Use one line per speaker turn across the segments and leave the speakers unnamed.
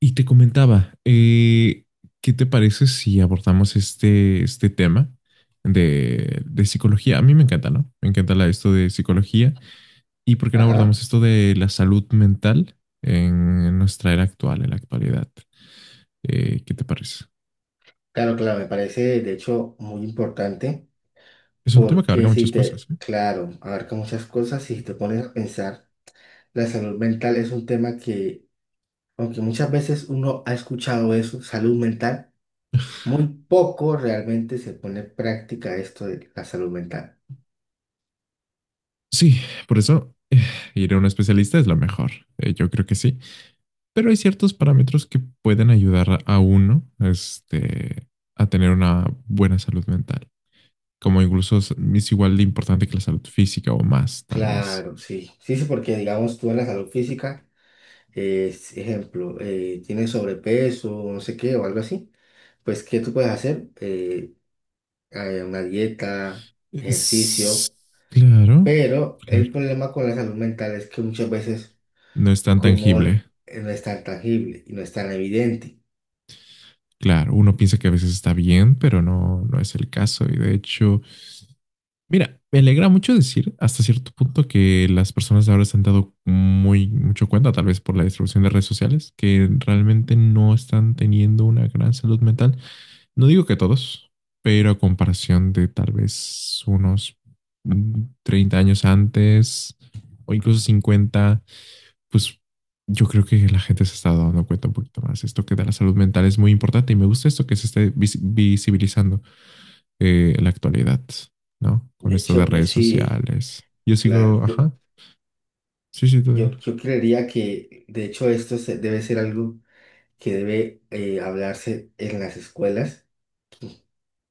Y te comentaba, ¿qué te parece si abordamos este tema de psicología? A mí me encanta, ¿no? Me encanta esto de psicología. ¿Y por qué no
Ajá,
abordamos esto de la salud mental en nuestra era actual, en la actualidad? ¿Qué te parece?
claro, claro, me parece de hecho muy importante
Es un tema que abarca
porque
muchas
si
cosas,
te,
¿eh?
claro, abarca muchas cosas y si te pones a pensar, la salud mental es un tema que, aunque muchas veces uno ha escuchado eso, salud mental, muy poco realmente se pone en práctica esto de la salud mental.
Sí, por eso ir a un especialista es lo mejor. Yo creo que sí. Pero hay ciertos parámetros que pueden ayudar a uno, a tener una buena salud mental. Como incluso es igual de importante que la salud física o más, tal vez.
Claro, sí, sí, sí, porque digamos tú en la salud física, es, ejemplo, tienes sobrepeso, no sé qué, o algo así, pues ¿qué tú puedes hacer? Una dieta,
Es-
ejercicio,
claro,
pero el
claro.
problema con la salud mental es que muchas veces
No es tan
como
tangible.
no es tan tangible y no es tan evidente.
Claro, uno piensa que a veces está bien, pero no, no es el caso. Y de hecho, mira, me alegra mucho decir hasta cierto punto que las personas ahora se han dado muy mucho cuenta, tal vez por la distribución de redes sociales, que realmente no están teniendo una gran salud mental. No digo que todos, pero a comparación de tal vez unos 30 años antes o incluso 50, pues yo creo que la gente se está dando cuenta un poquito más. Esto que de la salud mental es muy importante y me gusta esto que se esté visibilizando en la actualidad, ¿no? Con
De
esto de
hecho, yo
redes
sí,
sociales. Yo
claro,
sigo, ajá, sí, sí, tú
yo,
dime.
yo creería que de hecho debe ser algo que debe hablarse en las escuelas,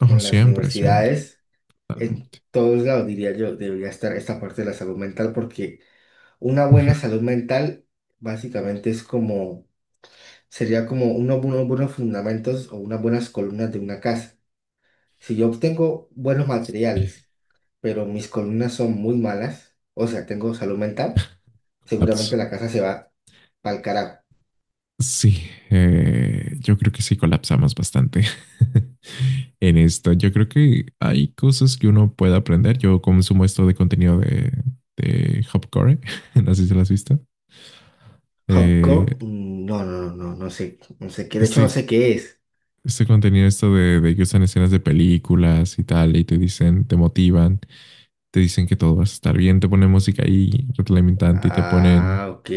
Ojo,
en las
siempre, siempre,
universidades, en
totalmente.
todos lados, diría yo, debería estar esta parte de la salud mental porque una
Ujú.
buena salud mental básicamente es como sería como unos, buenos fundamentos o unas buenas columnas de una casa. Si yo obtengo buenos
Sí,
materiales, pero mis columnas son muy malas, o sea, tengo salud mental, seguramente
colapso.
la casa se va pa'l carajo.
Sí, yo creo que sí colapsamos bastante en esto. Yo creo que hay cosas que uno puede aprender. Yo consumo esto de contenido de Hopcore, no sé si lo has visto. Eh,
Hopcore, mm, no, no, no, no sé, no sé qué, de hecho no
este,
sé qué es.
este contenido, esto de que usan escenas de películas y tal, y te dicen, te motivan, te dicen que todo va a estar bien, te ponen música ahí retroalimentante y te ponen
Ah, ok,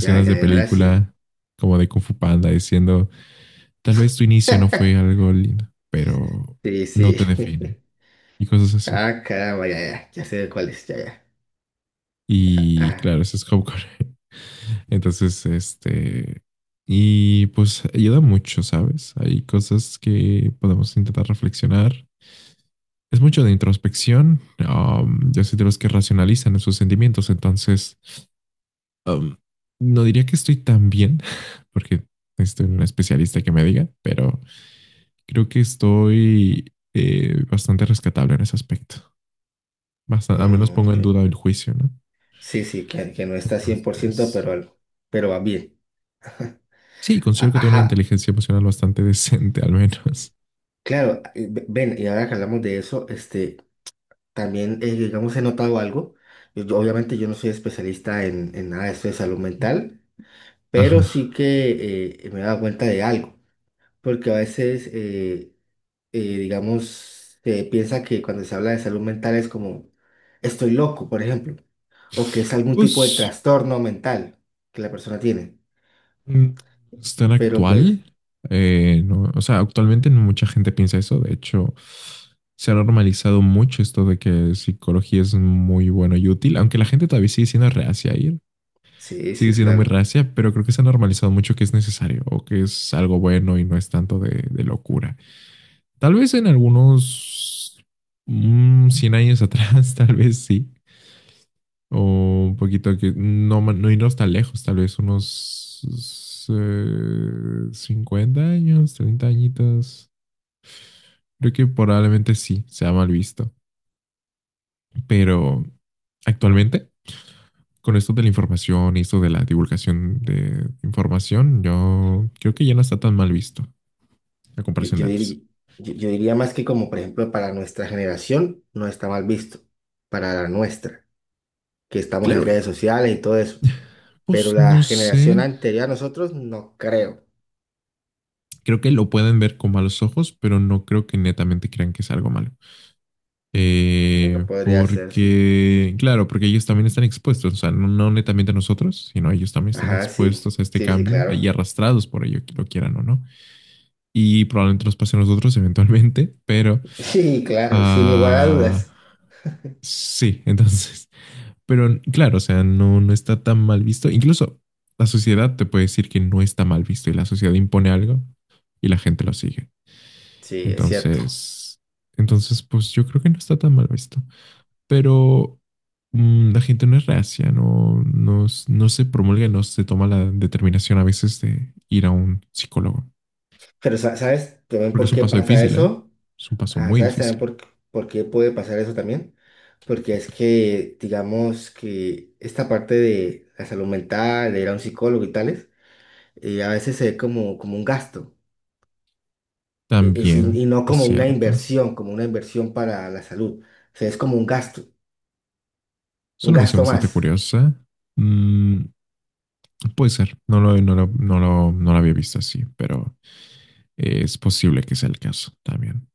ya, ya,
de
ya, ahora sí.
película como de Kung Fu Panda diciendo: "Tal vez tu inicio no fue algo lindo, pero
Sí,
no
sí.
te define", y cosas así.
Ah, caramba, ya, ya, ya sé cuál es, ya, ya.
Y
Ah,
claro, eso es Hopcore. Entonces, y pues ayuda mucho, ¿sabes? Hay cosas que podemos intentar reflexionar. Es mucho de introspección. Yo soy de los que racionalizan sus sentimientos, entonces um, no diría que estoy tan bien, porque estoy un especialista que me diga, pero creo que estoy bastante rescatable en ese aspecto. Bastante, al menos
mm,
pongo
ok.
en duda el juicio, ¿no?
Sí, sí, que no está 100%, pero
Entonces,
algo, pero va bien.
sí, considero que tengo una
Ajá,
inteligencia emocional bastante decente, al menos.
claro, ven, y ahora que hablamos de eso, este, también, digamos, he notado algo. Obviamente yo no soy especialista en nada de esto de salud mental,
Ajá.
pero sí que me he dado cuenta de algo, porque a veces, digamos, se piensa que cuando se habla de salud mental es como, estoy loco, por ejemplo, o que es algún tipo de
Pues
trastorno mental que la persona tiene,
Mm, es tan
pero pues,
actual. No, o sea, actualmente no mucha gente piensa eso. De hecho, se ha normalizado mucho esto de que psicología es muy bueno y útil, aunque la gente todavía sigue siendo reacia a ir,
sí, sí,
sigue siendo muy
claro.
reacia, pero creo que se ha normalizado mucho que es necesario o que es algo bueno y no es tanto de locura. Tal vez en algunos 100 años atrás, tal vez sí. O un poquito que no, no irnos tan lejos, tal vez unos 50 años, 30 añitos. Creo que probablemente sí, sea mal visto. Pero actualmente, con esto de la información y esto de la divulgación de información, yo creo que ya no está tan mal visto la
Yo,
comparación
yo
de antes.
diri- yo diría más que como, por ejemplo, para nuestra generación no está mal visto, para la nuestra, que estamos en
Claro,
redes
y
sociales y todo eso,
pues
pero la
no
generación
sé.
anterior a nosotros no creo.
Creo que lo pueden ver con malos ojos, pero no creo que netamente crean que es algo malo.
Bueno, podría ser, sí.
Porque, claro, porque ellos también están expuestos, o sea, no, no netamente a nosotros, sino ellos también están
Ajá, sí,
expuestos a este
sí, sí,
cambio y
claro.
arrastrados por ello, que lo quieran o no. Y probablemente nos pase a nosotros eventualmente, pero
Sí, claro, sin lugar a
ah,
dudas.
sí, entonces, pero claro, o sea, no, no está tan mal visto. Incluso la sociedad te puede decir que no está mal visto y la sociedad impone algo y la gente lo sigue.
Sí, es cierto.
Entonces, pues yo creo que no está tan mal visto. Pero la gente no es reacia, no, no, no se promulga, no se toma la determinación a veces de ir a un psicólogo,
Pero, ¿sabes también
porque
por
es un
qué
paso
pasa
difícil, ¿eh?
eso?
Es un paso
Ah,
muy
¿sabes
difícil.
también por qué puede pasar eso también? Porque es que, digamos que esta parte de la salud mental, de ir a un psicólogo y tales, a veces se ve como, como un gasto,
También
y no
es
como una
cierto.
inversión, como una inversión para la salud. O sea, es como
Es
un
una visión
gasto
bastante
más.
curiosa. Mm, puede ser, no lo había visto así, pero es posible que sea el caso también.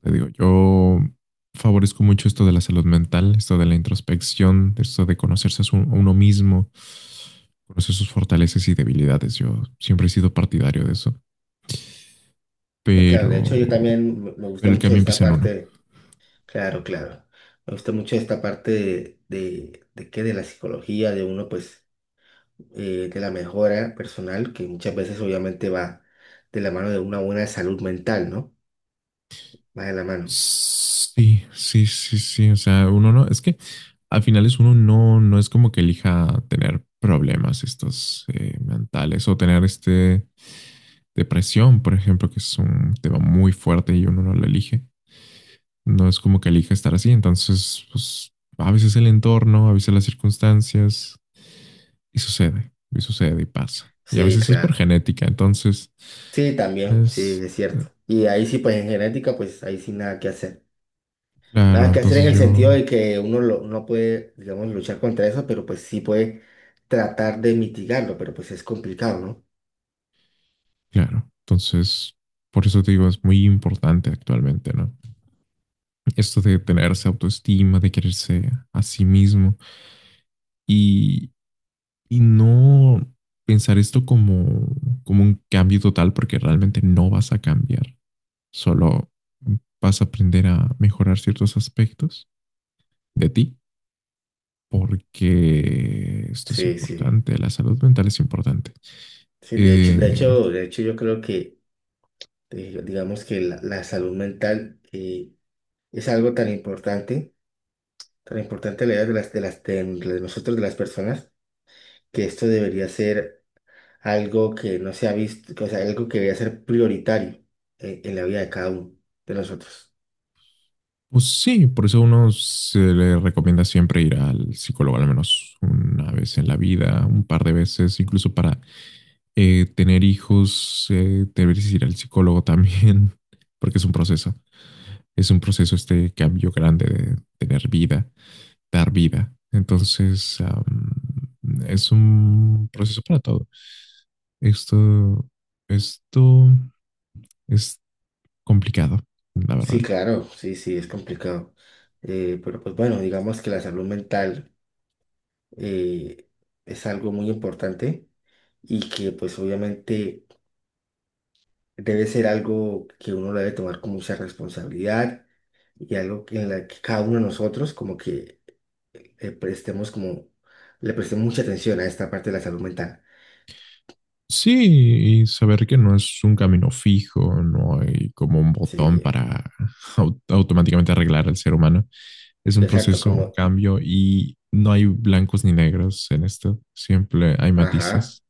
Te digo, yo favorezco mucho esto de la salud mental, esto de la introspección, esto de conocerse a uno mismo, conocer sus fortalezas y debilidades. Yo siempre he sido partidario de eso,
No, claro, de hecho yo
pero,
también me gusta
pero el
mucho
cambio
esta
empieza en uno.
parte, claro, claro, me gusta mucho esta parte de qué, de la psicología, de uno pues de la mejora personal, que muchas veces obviamente va de la mano de una buena salud mental, ¿no? Va de la mano.
Sí, sí, sí, sí. O sea, uno no, es que al final es uno no, no es como que elija tener problemas estos mentales o tener este depresión, por ejemplo, que es un tema muy fuerte y uno no lo elige. No es como que elija estar así, entonces, pues a veces el entorno, a veces las circunstancias, y sucede, y sucede y pasa. Y a
Sí,
veces es por
claro.
genética, entonces,
Sí, también, sí,
es,
es
eh,
cierto. Y ahí sí, pues en genética, pues ahí sí nada que hacer.
claro,
Nada que hacer
entonces
en el
yo,
sentido de que no puede, digamos, luchar contra eso, pero pues sí puede tratar de mitigarlo, pero pues es complicado, ¿no?
claro, entonces, por eso te digo, es muy importante actualmente, ¿no? Esto de tenerse autoestima, de quererse a sí mismo y, y no pensar esto como un cambio total, porque realmente no vas a cambiar. Solo vas a aprender a mejorar ciertos aspectos de ti, porque esto es
Sí, sí.
importante, la salud mental es importante.
Sí, de hecho, de
Eh,
hecho, de hecho yo creo que, digamos que la salud mental es algo tan importante, tan importante la idea de de nosotros, de las personas, que esto debería ser algo que no se ha visto, que, o sea, algo que debería ser prioritario en la vida de cada uno de nosotros.
pues sí, por eso a uno se le recomienda siempre ir al psicólogo al menos una vez en la vida, un par de veces, incluso para tener hijos, deberías ir al psicólogo también, porque es un proceso este cambio grande de tener vida dar vida. Entonces, es un proceso para todo. Esto, esto es complicado, la
Sí,
verdad.
claro, sí, sí, es complicado. Pero pues bueno, digamos que la salud mental eh, es algo muy importante y que pues obviamente debe ser algo que uno lo debe tomar con mucha responsabilidad y en la que cada uno de nosotros como que prestemos como, le prestemos mucha atención a esta parte de la salud mental.
Sí, y saber que no es un camino fijo, no hay como un botón
Sí,
para automáticamente arreglar al ser humano. Es un
exacto,
proceso, un
como,
cambio y no hay blancos ni negros en esto. Siempre hay
ajá,
matices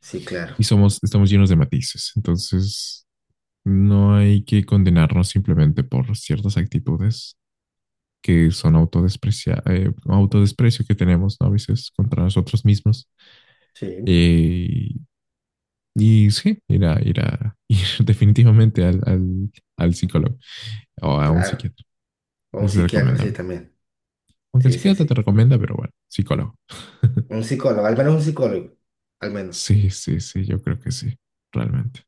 sí, claro,
y somos, estamos llenos de matices. Entonces, no hay que condenarnos simplemente por ciertas actitudes que son autodesprecio que tenemos, ¿no? A veces contra nosotros mismos.
sí,
Eh, y sí, ir definitivamente al, al psicólogo o a un
claro.
psiquiatra.
O un
Es
psiquiatra, sí,
recomendable.
también.
Aunque el
Sí, sí,
psiquiatra te
sí.
recomienda, pero bueno, psicólogo.
Un psicólogo, al menos un psicólogo, al menos.
Sí, sí, sí, yo creo que sí, realmente.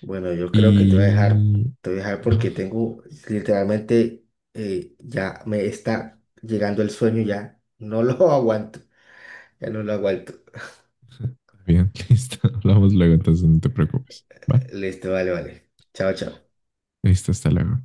Bueno, yo creo que te voy a dejar,
Y...
te voy a dejar
ajá,
porque tengo, literalmente, ya me está llegando el sueño, ya no lo aguanto, ya no lo aguanto.
bien, listo. Hablamos luego, entonces no te preocupes. Vale,
Listo, vale, vale. Chao, chao.
listo, hasta luego.